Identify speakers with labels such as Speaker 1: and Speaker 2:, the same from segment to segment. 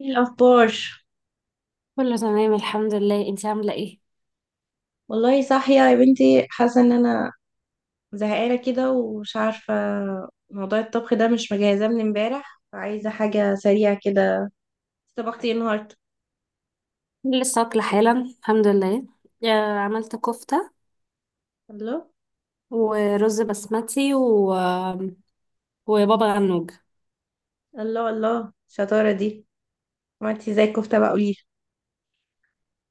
Speaker 1: ايه الاخبار؟
Speaker 2: كله تمام الحمد لله. انتي عاملة ايه؟
Speaker 1: والله صاحيه يا بنتي، حاسه ان انا زهقانه كده ومش عارفه. موضوع الطبخ ده مش مجهزاه من امبارح، فعايزه حاجه سريعه كده. طبختي ايه النهارده؟
Speaker 2: لسه واكلة حالا الحمد لله. عملت كفتة
Speaker 1: الله
Speaker 2: ورز بسمتي وبابا غنوج.
Speaker 1: الله الله، الشطاره دي! عملتي ازاي الكفته بقى؟ قولي لي.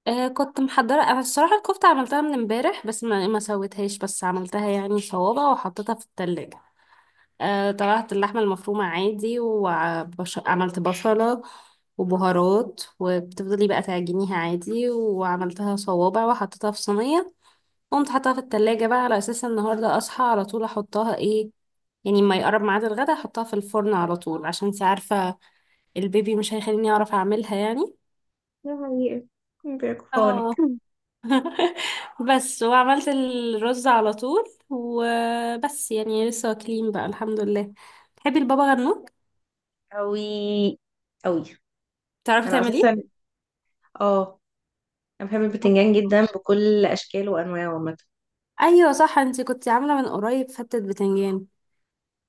Speaker 2: كنت محضرة انا الصراحة. الكفتة عملتها من امبارح بس ما سويتهاش، بس عملتها يعني صوابع وحطيتها في التلاجة. طلعت اللحمة المفرومة عادي وعملت بصلة وبهارات، وبتفضلي بقى تعجنيها عادي وعملتها صوابع وحطيتها في صينية. قمت حطها في التلاجة بقى على أساس النهاردة أصحى على طول أحطها إيه، يعني ما يقرب ميعاد الغدا أحطها في الفرن على طول، عشان انتي عارفة البيبي مش هيخليني أعرف أعملها يعني.
Speaker 1: يا حقيقة بيركفونك.
Speaker 2: اه. بس وعملت الرز على طول وبس، يعني لسه واكلين بقى الحمد لله. تحبي البابا غنوج؟
Speaker 1: اوي اوي.
Speaker 2: تعرفي
Speaker 1: انا
Speaker 2: تعمليه؟
Speaker 1: اساسا، اه، انا بحب
Speaker 2: آه.
Speaker 1: البتنجان جدا بكل اشكاله وانواعه عامه.
Speaker 2: ايوه صح، انتي كنتي عامله من قريب فتة بتنجان.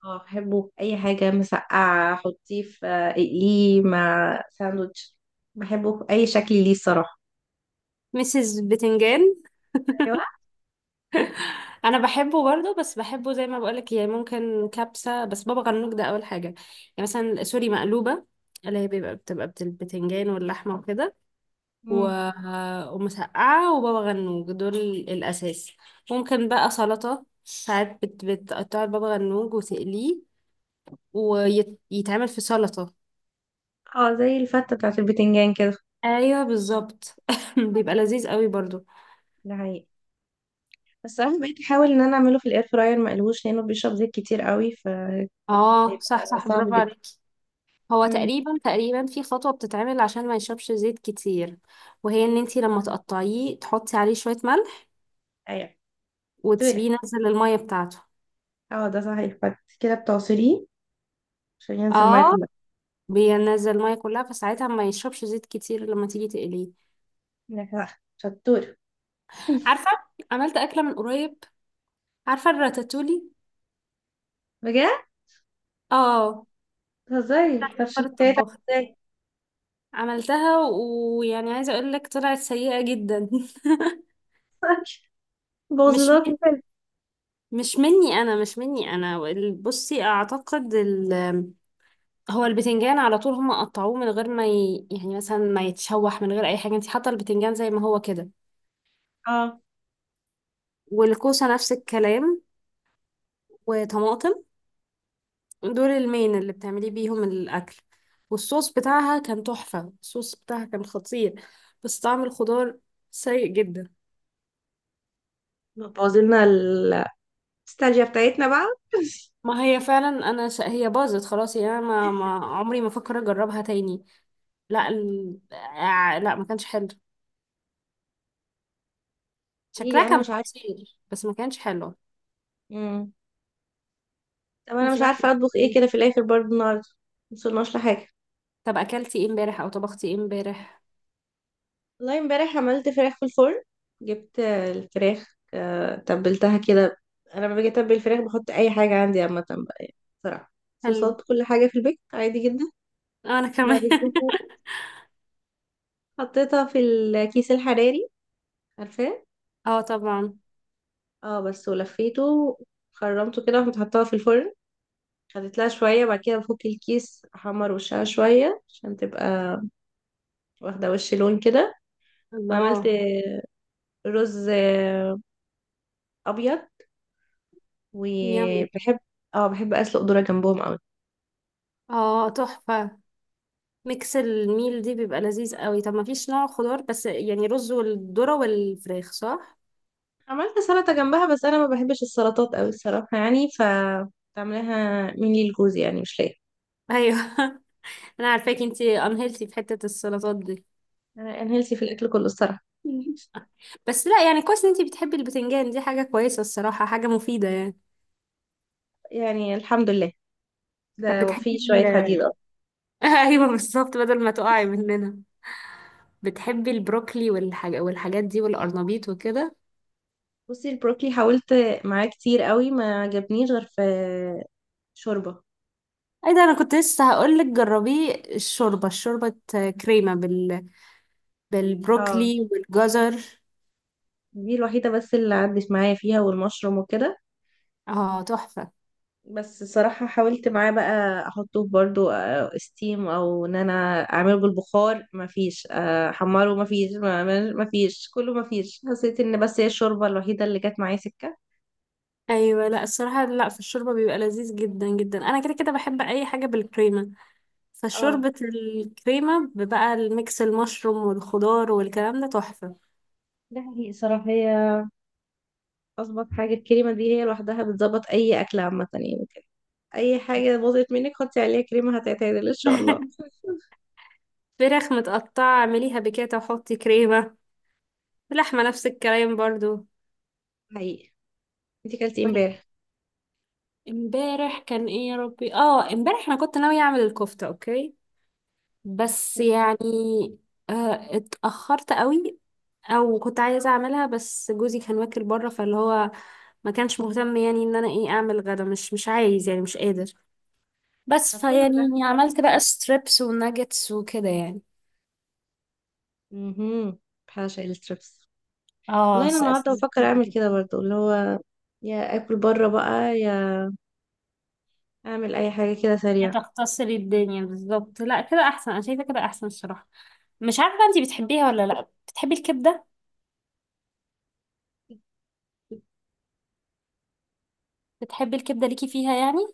Speaker 1: اه بحبه اي حاجه، مسقعه، حطيه في اقليه مع ساندوتش. بحبه اي شكل ليه الصراحه.
Speaker 2: مسز بتنجان.
Speaker 1: ايوه.
Speaker 2: انا بحبه برضه بس بحبه زي ما بقولك، يعني ممكن كبسه، بس بابا غنوج ده اول حاجه يعني. مثلا سوري مقلوبه، اللي هي البتنجان واللحمه وكده و...
Speaker 1: مم.
Speaker 2: ومسقعه وبابا غنوج دول الاساس. ممكن بقى سلطه ساعات بتقطع بابا غنوج وتقليه ويتعمل في سلطه.
Speaker 1: اه زي الفته بتاعت البتنجان كده.
Speaker 2: ايوه بالظبط. بيبقى لذيذ قوي برضه.
Speaker 1: ده حقيقي. بس انا بقيت احاول ان انا اعمله في الاير فراير مقلوش لانه بيشرب زيت كتير قوي.
Speaker 2: اه صح
Speaker 1: فصعب
Speaker 2: برافو
Speaker 1: جدا.
Speaker 2: عليك. هو
Speaker 1: امم
Speaker 2: تقريبا في خطوة بتتعمل عشان ما يشربش زيت كتير، وهي ان انتي لما تقطعيه تحطي عليه شوية ملح
Speaker 1: ايوه شطوره.
Speaker 2: وتسيبيه ينزل المية بتاعته.
Speaker 1: اه ده صحيح، بعد كده بتعصريه عشان ينزل الميه
Speaker 2: اه.
Speaker 1: كلها.
Speaker 2: بينزل المية كلها فساعتها ما يشربش زيت كتير لما تيجي تقليه.
Speaker 1: لا، صح. شطوره.
Speaker 2: عارفة، عملت أكلة من قريب. عارفة الراتاتولي؟
Speaker 1: بجد؟
Speaker 2: اه.
Speaker 1: بتهزري؟ طب
Speaker 2: فكر
Speaker 1: شطيت
Speaker 2: الطباخ.
Speaker 1: ازاي؟
Speaker 2: عملتها ويعني عايزة اقول لك طلعت سيئة جدا.
Speaker 1: بوظ
Speaker 2: مش
Speaker 1: لك الفيلم.
Speaker 2: مش مني انا، مش مني انا. بصي اعتقد هو البتنجان على طول هم قطعوه من غير ما ي... يعني مثلا ما يتشوح، من غير اي حاجه انت حاطه البتنجان زي ما هو كده.
Speaker 1: اه.
Speaker 2: والكوسه نفس الكلام، وطماطم. دول المين اللي بتعملي بيهم الاكل. والصوص بتاعها كان تحفه، الصوص بتاعها كان خطير، بس طعم الخضار سيء جدا.
Speaker 1: بوظ لنا النوستالجيا بتاعتنا بقى. قولي
Speaker 2: ما هي فعلا انا هي باظت خلاص، يعني انا ما عمري ما فكر اجربها تاني. لا ال... آه، لا ما كانش حلو. شكلها
Speaker 1: لي. انا
Speaker 2: كان
Speaker 1: مش عارفه.
Speaker 2: خطير بس ما كانش حلو.
Speaker 1: امم طب انا
Speaker 2: انتي
Speaker 1: مش
Speaker 2: بقى
Speaker 1: عارفه
Speaker 2: بتعملي
Speaker 1: اطبخ ايه كده
Speaker 2: إيه؟
Speaker 1: في الاخر برضه النهارده. مصلناش لحاجه.
Speaker 2: طب اكلتي ايه امبارح او طبختي ايه امبارح؟
Speaker 1: والله امبارح عملت فراخ في الفرن. جبت الفراخ تبلتها كده. انا لما باجي اتبل الفراخ بحط اي حاجه عندي عامه بقى يعني. بصراحه
Speaker 2: حلو.
Speaker 1: صوصات كل حاجه في البيت عادي جدا.
Speaker 2: انا
Speaker 1: بعد
Speaker 2: كمان.
Speaker 1: كده حطيتها في الكيس الحراري، عارفاه.
Speaker 2: اه طبعا.
Speaker 1: اه بس ولفيته، خرمته كده وقمت حطاها في الفرن. خدت لها شويه، بعد كده بفك الكيس احمر وشها شويه عشان تبقى واخدة وش لون كده. وعملت
Speaker 2: الله.
Speaker 1: رز أبيض.
Speaker 2: يامي.
Speaker 1: وبحب، اه، بحب أسلق ذرة جنبهم أوي.
Speaker 2: اه تحفة. ميكس الميل دي بيبقى لذيذ قوي. طب ما فيش نوع خضار، بس يعني رز والذرة والفراخ، صح؟
Speaker 1: عملت سلطة جنبها، بس أنا ما بحبش السلطات أوي الصراحة يعني، ف بعملها مني لجوزي يعني مش ليا.
Speaker 2: ايوه. انا عارفاكي انتي، انهيلتي في حتة السلطات دي.
Speaker 1: أنا هيلثي في الأكل كله الصراحة.
Speaker 2: بس لا يعني كويس ان انتي بتحبي البتنجان، دي حاجة كويسة الصراحة، حاجة مفيدة يعني.
Speaker 1: يعني الحمد لله،
Speaker 2: طب
Speaker 1: ده
Speaker 2: بتحبي
Speaker 1: في شوية حديد.
Speaker 2: ال
Speaker 1: اه
Speaker 2: ايوه بالظبط، بدل ما تقعي مننا. بتحبي البروكلي والحاجات دي والقرنبيط وكده؟
Speaker 1: بصي البروكلي حاولت معاه كتير قوي، ما عجبنيش غير في شوربة.
Speaker 2: ايه ده، انا كنت لسه هقولك جربيه الشوربة. كريمة بال...
Speaker 1: اه
Speaker 2: بالبروكلي والجزر.
Speaker 1: دي الوحيدة بس اللي عدت معايا فيها، والمشروم وكده.
Speaker 2: اه تحفة.
Speaker 1: بس صراحة حاولت معاه بقى احطه في برضو ستيم او ان انا اعمله بالبخار مفيش، احمره مفيش، مفيش، كله مفيش. حسيت ان بس هي الشوربة الوحيدة اللي جت معايا سكة.
Speaker 2: ايوه لا الصراحه، لا في الشوربه بيبقى لذيذ جدا جدا. انا كده كده بحب اي حاجه بالكريمه،
Speaker 1: اه
Speaker 2: فشوربه الكريمه بقى الميكس المشروم والخضار والكلام ده تحفه.
Speaker 1: ده حقيقي صراحة. هي اظبط حاجة الكريمة دي، هي لوحدها بتظبط اي اكل عامة يعني كده. اي حاجة باظت منك حطي عليها كريمة هتعتدل ان شاء الله.
Speaker 2: فراخ متقطعه اعمليها بكده وحطي كريمه، لحمه نفس الكلام برضو.
Speaker 1: حقيقي. انتي كلتي امبارح؟
Speaker 2: امبارح كان ايه يا ربي؟ اه امبارح انا كنت ناويه اعمل الكفته اوكي، بس
Speaker 1: تمام.
Speaker 2: يعني اتأخرت قوي. او كنت عايزة اعملها بس جوزي كان واكل بره، فاللي هو ما كانش مهتم يعني ان انا ايه اعمل غدا، مش عايز يعني مش قادر. بس
Speaker 1: طب حلو ده.
Speaker 2: فيعني عملت بقى ستريبس وناجتس وكده يعني.
Speaker 1: امم بحاشا الستريبس. والله
Speaker 2: اه
Speaker 1: انا النهارده بفكر اعمل كده برضو، اللي هو يا اكل بره بقى يا اعمل اي حاجه كده
Speaker 2: هي
Speaker 1: سريعه.
Speaker 2: تختصري الدنيا بالظبط. لا كده احسن، انا شايفة كده احسن الصراحة. مش عارفة انتي بتحبيها ولا لا، بتحبي الكبدة؟ بتحبي الكبدة، ليكي فيها يعني؟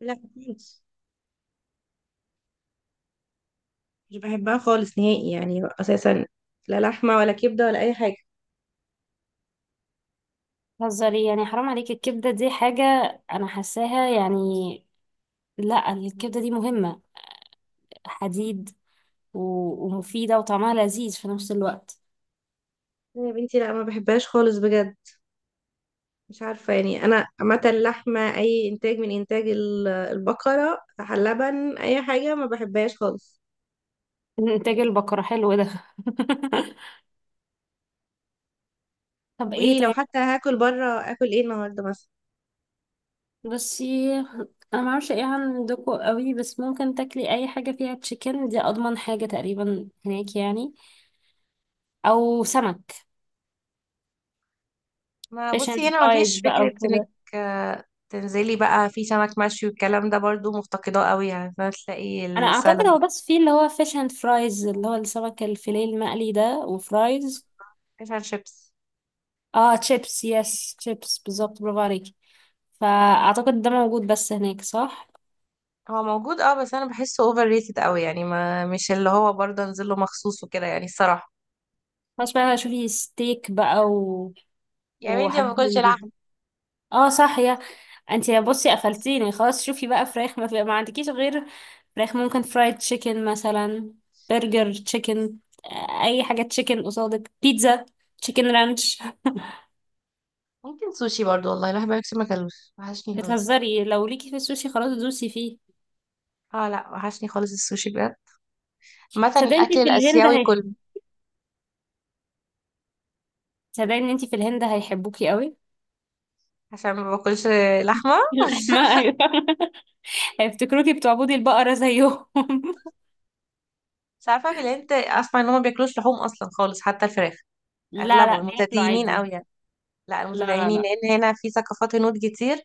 Speaker 1: لا خالص، مش بحبها خالص نهائي يعني اساسا، لا لحمه ولا كبده ولا اي حاجه.
Speaker 2: هزاري يعني، حرام عليكي. الكبدة دي حاجة انا حاساها يعني. لا الكبدة دي مهمة، حديد ومفيدة وطعمها لذيذ في نفس الوقت.
Speaker 1: لا يا بنتي لا، ما بحبهاش خالص بجد. مش عارفه يعني، انا عامه اللحمه اي انتاج من انتاج البقره، لبن، اي حاجه ما بحبهاش خالص.
Speaker 2: انتاج البقرة، حلو ده. طب
Speaker 1: طب
Speaker 2: ايه
Speaker 1: ايه لو
Speaker 2: طيب؟
Speaker 1: حتى هاكل بره، اكل ايه النهارده مثلا؟
Speaker 2: بصي انا ما اعرفش ايه عندكم قوي، بس ممكن تاكلي اي حاجة فيها تشيكن، دي اضمن حاجة تقريبا هناك يعني، او سمك.
Speaker 1: ما
Speaker 2: فيش
Speaker 1: بصي
Speaker 2: اند
Speaker 1: هنا
Speaker 2: فرايز
Speaker 1: مفيش
Speaker 2: بقى
Speaker 1: فكرة انك
Speaker 2: وكده.
Speaker 1: تنزلي بقى في سمك مشوي والكلام ده، برضو مفتقداه قوي يعني فاهمة؟ تلاقي
Speaker 2: انا اعتقد
Speaker 1: السلمون.
Speaker 2: هو بس في اللي هو فيش اند فرايز، اللي هو السمك الفيليه المقلي ده وفرايز.
Speaker 1: فيش اند شيبس.
Speaker 2: اه تشيبس، يس تشيبس بالظبط، برافو عليكي. فأعتقد ده موجود بس هناك، صح؟
Speaker 1: هو موجود اه، بس انا بحسه اوفر ريتد قوي يعني، ما مش اللي هو برضه انزل له مخصوص وكده يعني الصراحة.
Speaker 2: خلاص بقى شوفي ستيك بقى
Speaker 1: يعني انتي ما
Speaker 2: وحاجات
Speaker 1: باكلش
Speaker 2: من دي.
Speaker 1: لحم؟
Speaker 2: اه صح، يا بصي قفلتيني خلاص. شوفي بقى فراخ، ما عندكيش غير فراخ. ممكن فرايد تشيكن مثلا، برجر تشيكن، اي حاجة تشيكن قصادك، بيتزا، تشيكن رانش.
Speaker 1: ممكن سوشي برضو، والله الواحد بقاله كتير ما اكلوش، وحشني خالص.
Speaker 2: بتهزري، لو ليكي في السوشي خلاص دوسي فيه.
Speaker 1: اه لا وحشني خالص السوشي بجد. مثلا
Speaker 2: صدقني
Speaker 1: الاكل
Speaker 2: انت في الهند
Speaker 1: الاسيوي كله.
Speaker 2: هيحب صدقني انت في الهند هيحبوكي قوي.
Speaker 1: عشان ما باكلش لحمه.
Speaker 2: اللحمة ايوه. هيفتكروكي بتعبدي البقرة زيهم.
Speaker 1: بس عارفه في الهند اسمع ان هم ما بياكلوش لحوم اصلا خالص حتى الفراخ.
Speaker 2: لا لا
Speaker 1: اغلبهم
Speaker 2: بياكلوا
Speaker 1: متدينين
Speaker 2: عادي.
Speaker 1: قوي يعني. لا
Speaker 2: لا لا
Speaker 1: المتدينين،
Speaker 2: لا
Speaker 1: لان هنا في ثقافات هنود كتير،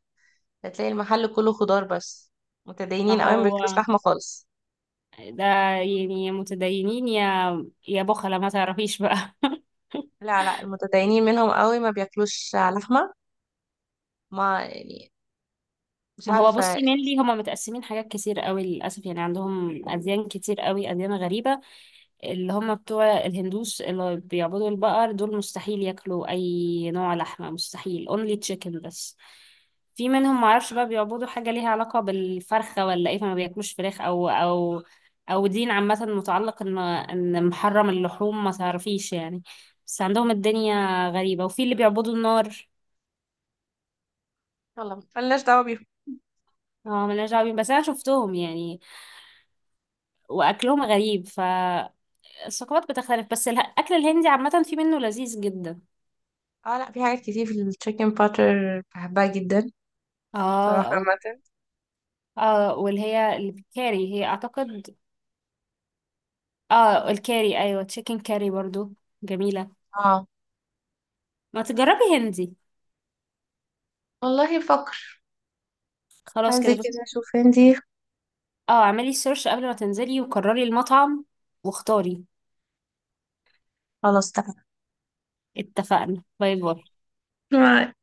Speaker 1: هتلاقي المحل كله خضار بس،
Speaker 2: ما
Speaker 1: متدينين قوي ما
Speaker 2: هو
Speaker 1: بياكلوش لحمه خالص.
Speaker 2: ده يعني، يا متدينين يا بخلة ما تعرفيش بقى.
Speaker 1: لا لا، المتدينين منهم قوي ما بياكلوش لحمه. ما يعني، مش
Speaker 2: ما هو
Speaker 1: عارفه.
Speaker 2: بصي مينلي هما متقسمين حاجات كتير قوي للأسف، يعني عندهم أديان كتير قوي، أديان غريبة. اللي هم بتوع الهندوس اللي بيعبدوا البقر دول مستحيل ياكلوا اي نوع لحمه، مستحيل only chicken بس. في منهم معرفش بقى بيعبدوا حاجه ليها علاقه بالفرخه ولا ايه، فما بياكلوش فراخ او او دين عامه متعلق ان ان محرم اللحوم، ما تعرفيش يعني. بس عندهم الدنيا غريبه، وفي اللي بيعبدوا النار.
Speaker 1: يلا ملناش دعوه بيهم.
Speaker 2: اه ملناش دعوة بيهم. بس انا شفتهم يعني واكلهم غريب. فالثقافات بتختلف، بس الاكل الهندي عامه في منه لذيذ جدا.
Speaker 1: اه لا في حاجات كتير، في التشيكن باتر بحبها جدا صراحه
Speaker 2: اه.
Speaker 1: عامه.
Speaker 2: اه واللي هي الكاري هي اعتقد. اه الكاري ايوه، تشيكن كاري برضو، جميلة.
Speaker 1: اه
Speaker 2: ما تجربي هندي.
Speaker 1: والله بفكر.
Speaker 2: خلاص
Speaker 1: هنزل
Speaker 2: كده بس.
Speaker 1: كده اشوف هندي.
Speaker 2: اه اعملي سيرش قبل ما تنزلي وقرري المطعم واختاري.
Speaker 1: خلاص.
Speaker 2: اتفقنا، باي باي.
Speaker 1: تمام.